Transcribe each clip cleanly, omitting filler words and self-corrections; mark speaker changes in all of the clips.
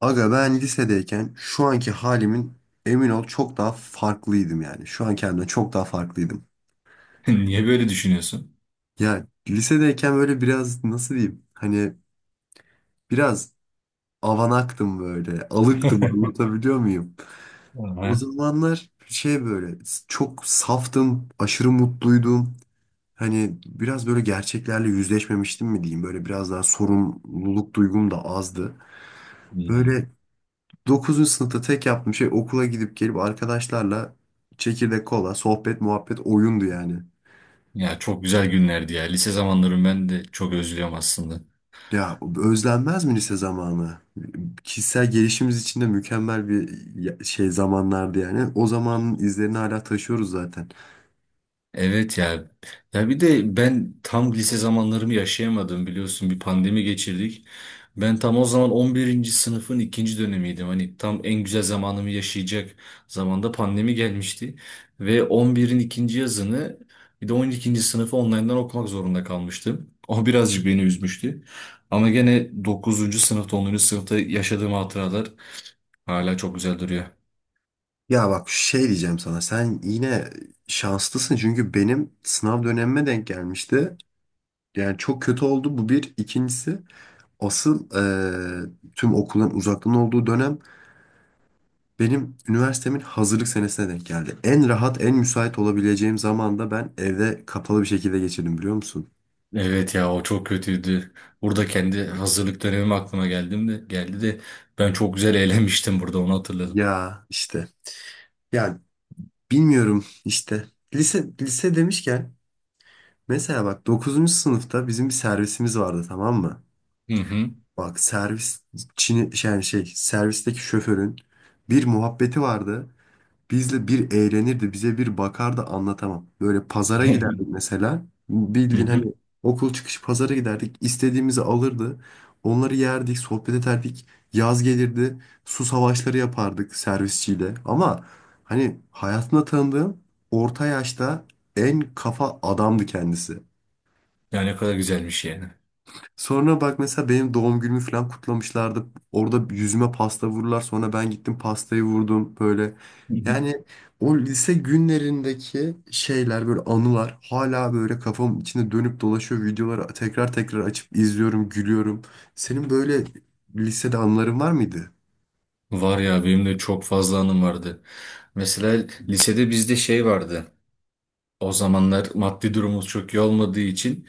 Speaker 1: Aga, ben lisedeyken şu anki halimin, emin ol, çok daha farklıydım yani. Şu an kendimden çok daha farklıydım.
Speaker 2: Niye böyle düşünüyorsun?
Speaker 1: Ya lisedeyken böyle biraz nasıl diyeyim? Hani biraz avanaktım böyle. Alıktım, anlatabiliyor muyum? O
Speaker 2: Aha.
Speaker 1: zamanlar şey böyle çok saftım, aşırı mutluydum. Hani biraz böyle gerçeklerle yüzleşmemiştim mi diyeyim. Böyle biraz daha sorumluluk duygum da azdı.
Speaker 2: Hmm.
Speaker 1: Böyle 9. sınıfta tek yaptığım şey okula gidip gelip arkadaşlarla çekirdek, kola, sohbet, muhabbet, oyundu yani.
Speaker 2: Ya çok güzel günlerdi ya. Lise zamanlarımı ben de çok özlüyorum aslında.
Speaker 1: Ya özlenmez mi lise zamanı? Kişisel gelişimimiz için de mükemmel bir şey zamanlardı yani. O zamanın izlerini hala taşıyoruz zaten.
Speaker 2: Evet ya. Ya bir de ben tam lise zamanlarımı yaşayamadım biliyorsun, bir pandemi geçirdik. Ben tam o zaman 11. sınıfın ikinci dönemiydim. Hani tam en güzel zamanımı yaşayacak zamanda pandemi gelmişti. Ve on birin ikinci yazını bir de 12. sınıfı online'dan okumak zorunda kalmıştım. O birazcık beni üzmüştü. Ama gene 9. sınıfta, 10. sınıfta yaşadığım hatıralar hala çok güzel duruyor.
Speaker 1: Ya bak, şey diyeceğim sana. Sen yine şanslısın, çünkü benim sınav dönemime denk gelmişti. Yani çok kötü oldu bu bir. İkincisi, asıl tüm okulun uzaktan olduğu dönem. Benim üniversitemin hazırlık senesine denk geldi. En rahat, en müsait olabileceğim zamanda ben evde kapalı bir şekilde geçirdim, biliyor musun?
Speaker 2: Evet ya, o çok kötüydü. Burada kendi hazırlık dönemim aklıma geldim de geldi de ben çok güzel eğlenmiştim burada, onu hatırladım.
Speaker 1: Ya işte. Yani bilmiyorum işte. Lise, lise demişken mesela bak, dokuzuncu sınıfta bizim bir servisimiz vardı, tamam mı?
Speaker 2: Hı hı.
Speaker 1: Bak servis yani şey servisteki şoförün bir muhabbeti vardı. Bizle bir eğlenirdi, bize bir bakardı, anlatamam. Böyle pazara giderdik mesela.
Speaker 2: Hı
Speaker 1: Bildiğin
Speaker 2: hı.
Speaker 1: hani okul çıkışı pazara giderdik. İstediğimizi alırdı. Onları yerdik, sohbet ederdik. Yaz gelirdi, su savaşları yapardık servisçiyle. Ama hani hayatımda tanıdığım orta yaşta en kafa adamdı kendisi.
Speaker 2: Ya ne kadar güzelmiş yani.
Speaker 1: Sonra bak, mesela benim doğum günümü falan kutlamışlardı. Orada yüzüme pasta vururlar. Sonra ben gittim pastayı vurdum böyle.
Speaker 2: Hı hı.
Speaker 1: Yani o lise günlerindeki şeyler, böyle anılar hala böyle kafamın içinde dönüp dolaşıyor. Videoları tekrar tekrar açıp izliyorum, gülüyorum. Senin böyle lisede anıların var mıydı?
Speaker 2: Var ya, benim de çok fazla anım vardı. Mesela lisede bizde şey vardı. O zamanlar maddi durumumuz çok iyi olmadığı için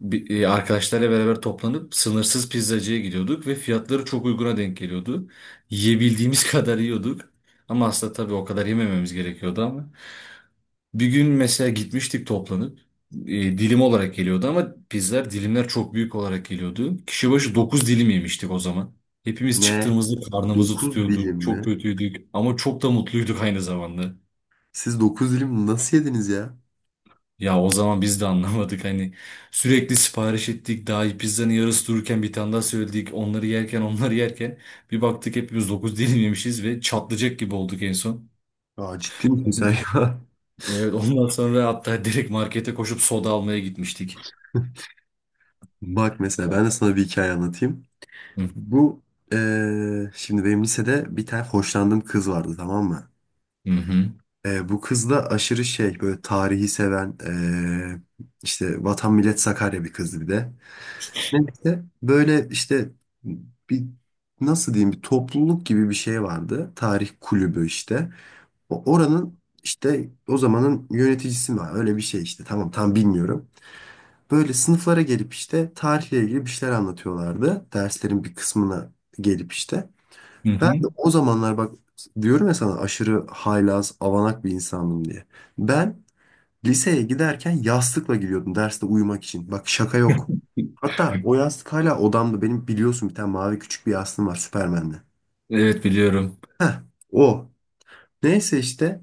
Speaker 2: arkadaşlarla beraber toplanıp sınırsız pizzacıya gidiyorduk ve fiyatları çok uyguna denk geliyordu. Yiyebildiğimiz kadar yiyorduk. Ama aslında tabii o kadar yemememiz gerekiyordu ama. Bir gün mesela gitmiştik toplanıp, e, dilim olarak geliyordu ama pizzalar, dilimler çok büyük olarak geliyordu. Kişi başı 9 dilim yemiştik o zaman. Hepimiz
Speaker 1: Ne?
Speaker 2: çıktığımızda karnımızı
Speaker 1: Dokuz dilim
Speaker 2: tutuyorduk.
Speaker 1: mi?
Speaker 2: Çok kötüydük ama çok da mutluyduk aynı zamanda.
Speaker 1: Siz dokuz dilim nasıl yediniz ya?
Speaker 2: Ya o zaman biz de anlamadık, hani sürekli sipariş ettik, daha pizzanın yarısı dururken bir tane daha söyledik, onları yerken bir baktık hepimiz 9 dilim yemişiz ve çatlayacak gibi olduk en son.
Speaker 1: Aa, ciddi misin sen ya?
Speaker 2: Evet, ondan sonra hatta direkt markete koşup soda almaya gitmiştik.
Speaker 1: Bak mesela ben de sana bir hikaye anlatayım.
Speaker 2: Hı
Speaker 1: Bu şimdi benim lisede bir tane hoşlandığım kız vardı, tamam mı?
Speaker 2: hı.
Speaker 1: Bu kız da aşırı şey, böyle tarihi seven, işte Vatan Millet Sakarya bir kızdı bir de. Neyse böyle işte bir nasıl diyeyim, bir topluluk gibi bir şey vardı. Tarih kulübü işte. Oranın işte o zamanın yöneticisi mi var? Öyle bir şey işte, tamam tam bilmiyorum. Böyle sınıflara gelip işte tarihle ilgili bir şeyler anlatıyorlardı. Derslerin bir kısmına gelip işte.
Speaker 2: Hı
Speaker 1: Ben
Speaker 2: hı.
Speaker 1: de o zamanlar bak, diyorum ya sana aşırı haylaz, avanak bir insanım diye. Ben liseye giderken yastıkla gidiyordum derste uyumak için. Bak şaka yok. Hatta o yastık hala odamda. Benim biliyorsun bir tane mavi küçük bir yastığım var, Süpermen'de.
Speaker 2: Evet, biliyorum.
Speaker 1: Heh, o. Neyse işte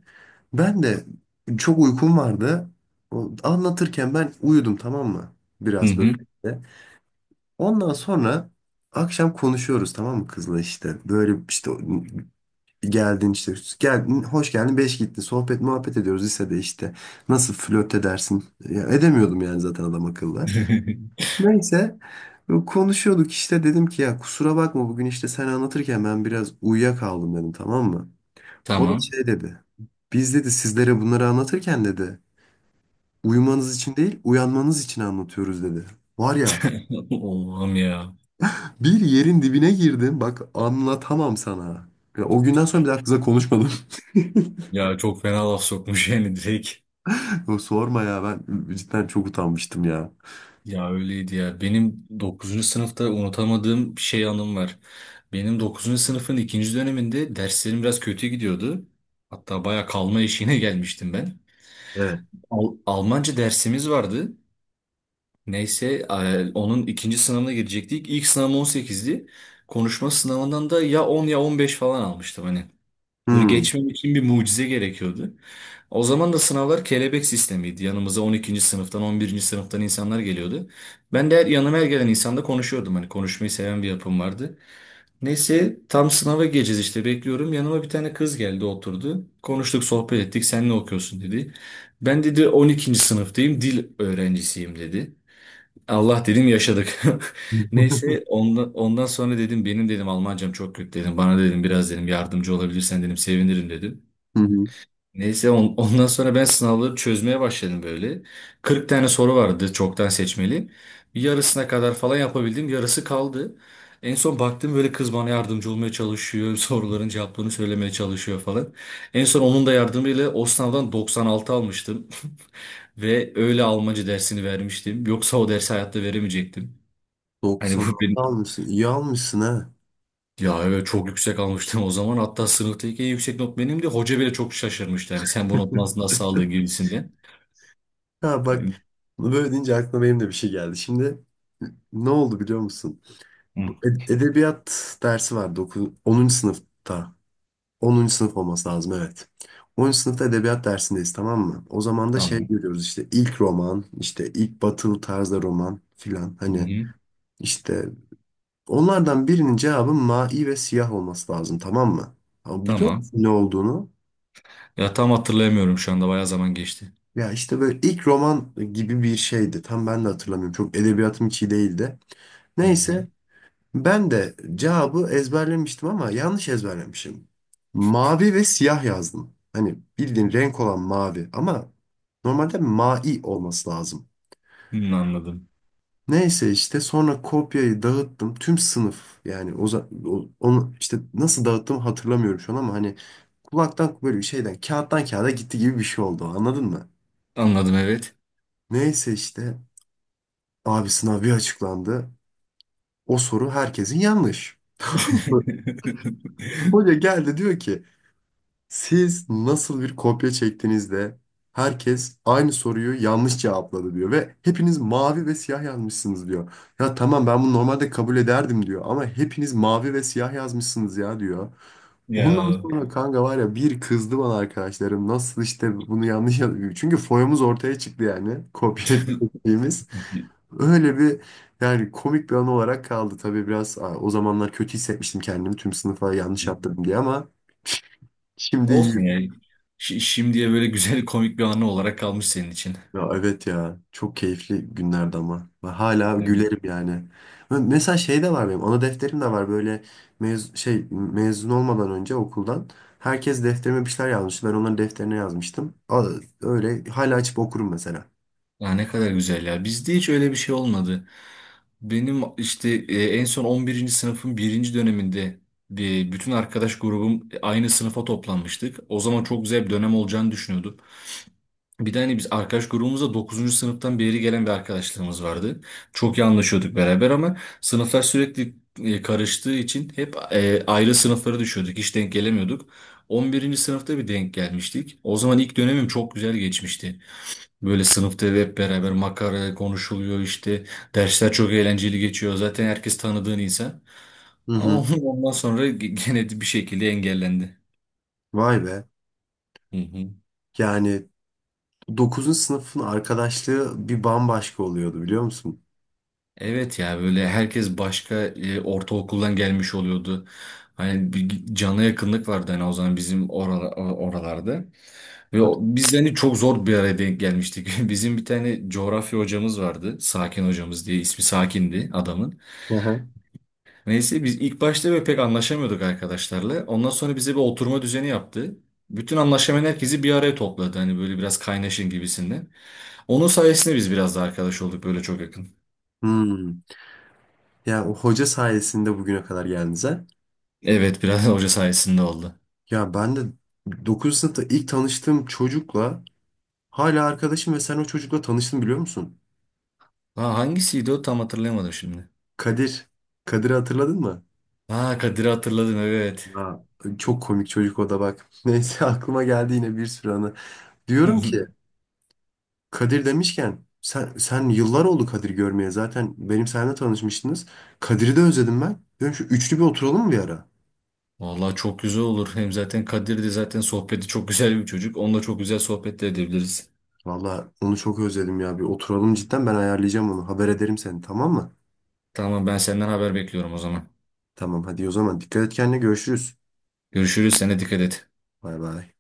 Speaker 1: ben de çok uykum vardı. Anlatırken ben uyudum, tamam mı?
Speaker 2: Hı
Speaker 1: Biraz böyle
Speaker 2: hı.
Speaker 1: işte. Ondan sonra akşam konuşuyoruz, tamam mı, kızla işte. Böyle işte geldin işte. Geldin, hoş geldin, beş gittin. Sohbet muhabbet ediyoruz lisede işte. Nasıl flört edersin? Ya, edemiyordum yani zaten adam akıllı. Neyse konuşuyorduk işte, dedim ki ya kusura bakma, bugün işte sen anlatırken ben biraz uyuyakaldım dedim, tamam mı? O da
Speaker 2: Tamam.
Speaker 1: şey dedi. Biz dedi sizlere bunları anlatırken dedi uyumanız için değil, uyanmanız için anlatıyoruz dedi. Var ya,
Speaker 2: Oğlum ya.
Speaker 1: bir yerin dibine girdim, bak anlatamam sana. Ya, o günden sonra bir daha kıza konuşmadım.
Speaker 2: Ya çok fena laf sokmuş yani direkt.
Speaker 1: Yo, sorma ya, ben cidden çok utanmıştım ya.
Speaker 2: Ya öyleydi ya. Benim 9. sınıfta unutamadığım şey anım var. Benim 9. sınıfın ikinci döneminde derslerim biraz kötü gidiyordu. Hatta baya kalma eşiğine gelmiştim ben.
Speaker 1: Evet.
Speaker 2: Almanca dersimiz vardı. Neyse, onun ikinci sınavına girecektik. İlk sınavım 18'di. Konuşma sınavından da ya 10 ya 15 falan almıştım hani. Böyle
Speaker 1: Hmm.
Speaker 2: geçmem için bir mucize gerekiyordu. O zaman da sınavlar kelebek sistemiydi. Yanımıza 12. sınıftan, 11. sınıftan insanlar geliyordu. Yanıma her gelen insanla konuşuyordum. Hani konuşmayı seven bir yapım vardı. Neyse tam sınava gireceğiz işte, bekliyorum. Yanıma bir tane kız geldi, oturdu. Konuştuk, sohbet ettik. Sen ne okuyorsun dedi. Ben dedi 12. sınıftayım, dil öğrencisiyim dedi. Allah dedim, yaşadık. Neyse ondan sonra dedim benim dedim Almancam çok kötü dedim. Bana dedim biraz dedim yardımcı olabilirsen dedim sevinirim dedim.
Speaker 1: Hı hı.
Speaker 2: Neyse ondan sonra ben sınavları çözmeye başladım böyle. 40 tane soru vardı çoktan seçmeli. Yarısına kadar falan yapabildim. Yarısı kaldı. En son baktım, böyle kız bana yardımcı olmaya çalışıyor. Soruların cevaplarını söylemeye çalışıyor falan. En son onun da yardımıyla o sınavdan 96 almıştım. Ve öyle Almanca dersini vermiştim. Yoksa o dersi hayatta veremeyecektim. Hani bu
Speaker 1: 96
Speaker 2: benim...
Speaker 1: almışsın. İyi almışsın ha.
Speaker 2: Ya evet, çok yüksek almıştım o zaman. Hatta sınıftaki en yüksek not benimdi. Hoca bile çok şaşırmıştı. Hani sen bu notu nasıl aldın gibisinden.
Speaker 1: Ha bak, böyle deyince aklıma benim de bir şey geldi. Şimdi ne oldu biliyor musun?
Speaker 2: Hı,
Speaker 1: Bu Edebiyat dersi vardı 10. sınıfta. 10. sınıf olması lazım, evet. 10. sınıfta edebiyat dersindeyiz, tamam mı? O zaman da şey
Speaker 2: tamam.
Speaker 1: görüyoruz işte, ilk roman, işte ilk batılı tarzda roman filan.
Speaker 2: Hı
Speaker 1: Hani
Speaker 2: hı,
Speaker 1: işte onlardan birinin cevabı mavi ve siyah olması lazım, tamam mı? Ama biliyor
Speaker 2: tamam.
Speaker 1: musun ne olduğunu?
Speaker 2: Ya tam hatırlayamıyorum şu anda. Bayağı zaman geçti.
Speaker 1: Ya işte böyle ilk roman gibi bir şeydi. Tam ben de hatırlamıyorum. Çok edebiyatım hiç iyi değildi.
Speaker 2: Hı hı.
Speaker 1: Neyse ben de cevabı ezberlemiştim ama yanlış ezberlemişim. Mavi ve siyah yazdım. Hani bildiğin renk olan mavi, ama normalde mai olması lazım.
Speaker 2: Hı, anladım.
Speaker 1: Neyse işte sonra kopyayı dağıttım. Tüm sınıf yani onu işte nasıl dağıttığımı hatırlamıyorum şu an, ama hani kulaktan böyle bir şeyden kağıttan kağıda gitti gibi bir şey oldu, anladın mı?
Speaker 2: Anladım, evet.
Speaker 1: Neyse işte abi sınav bir açıklandı. O soru herkesin yanlış. Hoca geldi diyor ki, siz nasıl bir kopya çektiğinizde herkes aynı soruyu yanlış cevapladı diyor ve hepiniz mavi ve siyah yazmışsınız diyor. Ya tamam, ben bunu normalde kabul ederdim diyor, ama hepiniz mavi ve siyah yazmışsınız ya diyor. Ondan
Speaker 2: Ya.
Speaker 1: sonra kanka var ya, bir kızdı bana arkadaşlarım, nasıl işte bunu yanlış yazıyor. Çünkü foyamız ortaya çıktı yani, kopya çektiğimiz. Öyle bir, yani komik bir an olarak kaldı. Tabii biraz o zamanlar kötü hissetmiştim kendimi, tüm sınıfa yanlış yaptırdım diye, ama şimdi
Speaker 2: Olsun
Speaker 1: iyi.
Speaker 2: ya. Şimdiye böyle güzel komik bir anı olarak kalmış senin için.
Speaker 1: Ya evet ya, çok keyifli günlerdi ama ve hala
Speaker 2: Evet.
Speaker 1: gülerim yani. Mesela şey de var, benim ana defterim de var böyle, mezun olmadan önce okuldan herkes defterime bir şeyler yazmıştı, ben onların defterine yazmıştım. Öyle hala açıp okurum mesela.
Speaker 2: Ya ne kadar güzel ya. Bizde hiç öyle bir şey olmadı. Benim işte, en son 11. sınıfın birinci döneminde bir bütün arkadaş grubum aynı sınıfa toplanmıştık. O zaman çok güzel bir dönem olacağını düşünüyorduk. Bir de hani biz arkadaş grubumuzda 9. sınıftan beri gelen bir arkadaşlığımız vardı. Çok iyi anlaşıyorduk beraber ama sınıflar sürekli karıştığı için hep ayrı sınıflara düşüyorduk. Hiç denk gelemiyorduk. 11. sınıfta bir denk gelmiştik. O zaman ilk dönemim çok güzel geçmişti. Böyle sınıfta hep beraber makara konuşuluyor işte. Dersler çok eğlenceli geçiyor. Zaten herkes tanıdığın insan.
Speaker 1: Hı
Speaker 2: Ama
Speaker 1: hı.
Speaker 2: ondan sonra gene bir şekilde engellendi.
Speaker 1: Vay be,
Speaker 2: Hı hı.
Speaker 1: yani 9. sınıfın arkadaşlığı bir bambaşka oluyordu, biliyor musun?
Speaker 2: Evet ya, böyle herkes başka ortaokuldan gelmiş oluyordu. Hani bir cana yakınlık vardı hani o zaman bizim oralarda. Ve
Speaker 1: Tabii.
Speaker 2: biz hani çok zor bir araya denk gelmiştik. Bizim bir tane coğrafya hocamız vardı. Sakin hocamız diye, ismi Sakin'di adamın.
Speaker 1: Aha.
Speaker 2: Neyse biz ilk başta böyle pek anlaşamıyorduk arkadaşlarla. Ondan sonra bize bir oturma düzeni yaptı. Bütün anlaşamayan herkesi bir araya topladı. Hani böyle biraz kaynaşın gibisinden. Onun sayesinde biz biraz da arkadaş olduk böyle, çok yakın.
Speaker 1: Hmm. Yani o hoca sayesinde bugüne kadar geldiniz ha?
Speaker 2: Evet, biraz hoca sayesinde oldu.
Speaker 1: Ya ben de 9. sınıfta ilk tanıştığım çocukla hala arkadaşım ve sen o çocukla tanıştın, biliyor musun?
Speaker 2: Ha, hangisiydi o, tam hatırlayamadım şimdi.
Speaker 1: Kadir. Kadir'i hatırladın mı?
Speaker 2: Ha, Kadir'i hatırladım evet.
Speaker 1: Ya, çok komik çocuk o da bak. Neyse aklıma geldi yine bir sürü anı. Diyorum ki, Kadir demişken sen yıllar oldu Kadir görmeye, zaten benim seninle tanışmıştınız. Kadir'i de özledim ben. Diyorum şu üçlü bir oturalım mı bir ara?
Speaker 2: Vallahi çok güzel olur. Hem zaten Kadir de zaten sohbeti çok güzel bir çocuk. Onunla çok güzel sohbet de edebiliriz.
Speaker 1: Valla onu çok özledim ya, bir oturalım cidden, ben ayarlayacağım onu. Haber ederim seni, tamam mı?
Speaker 2: Tamam, ben senden haber bekliyorum o zaman.
Speaker 1: Tamam hadi, o zaman dikkat et kendine, görüşürüz.
Speaker 2: Görüşürüz. Sen dikkat et.
Speaker 1: Bay bay.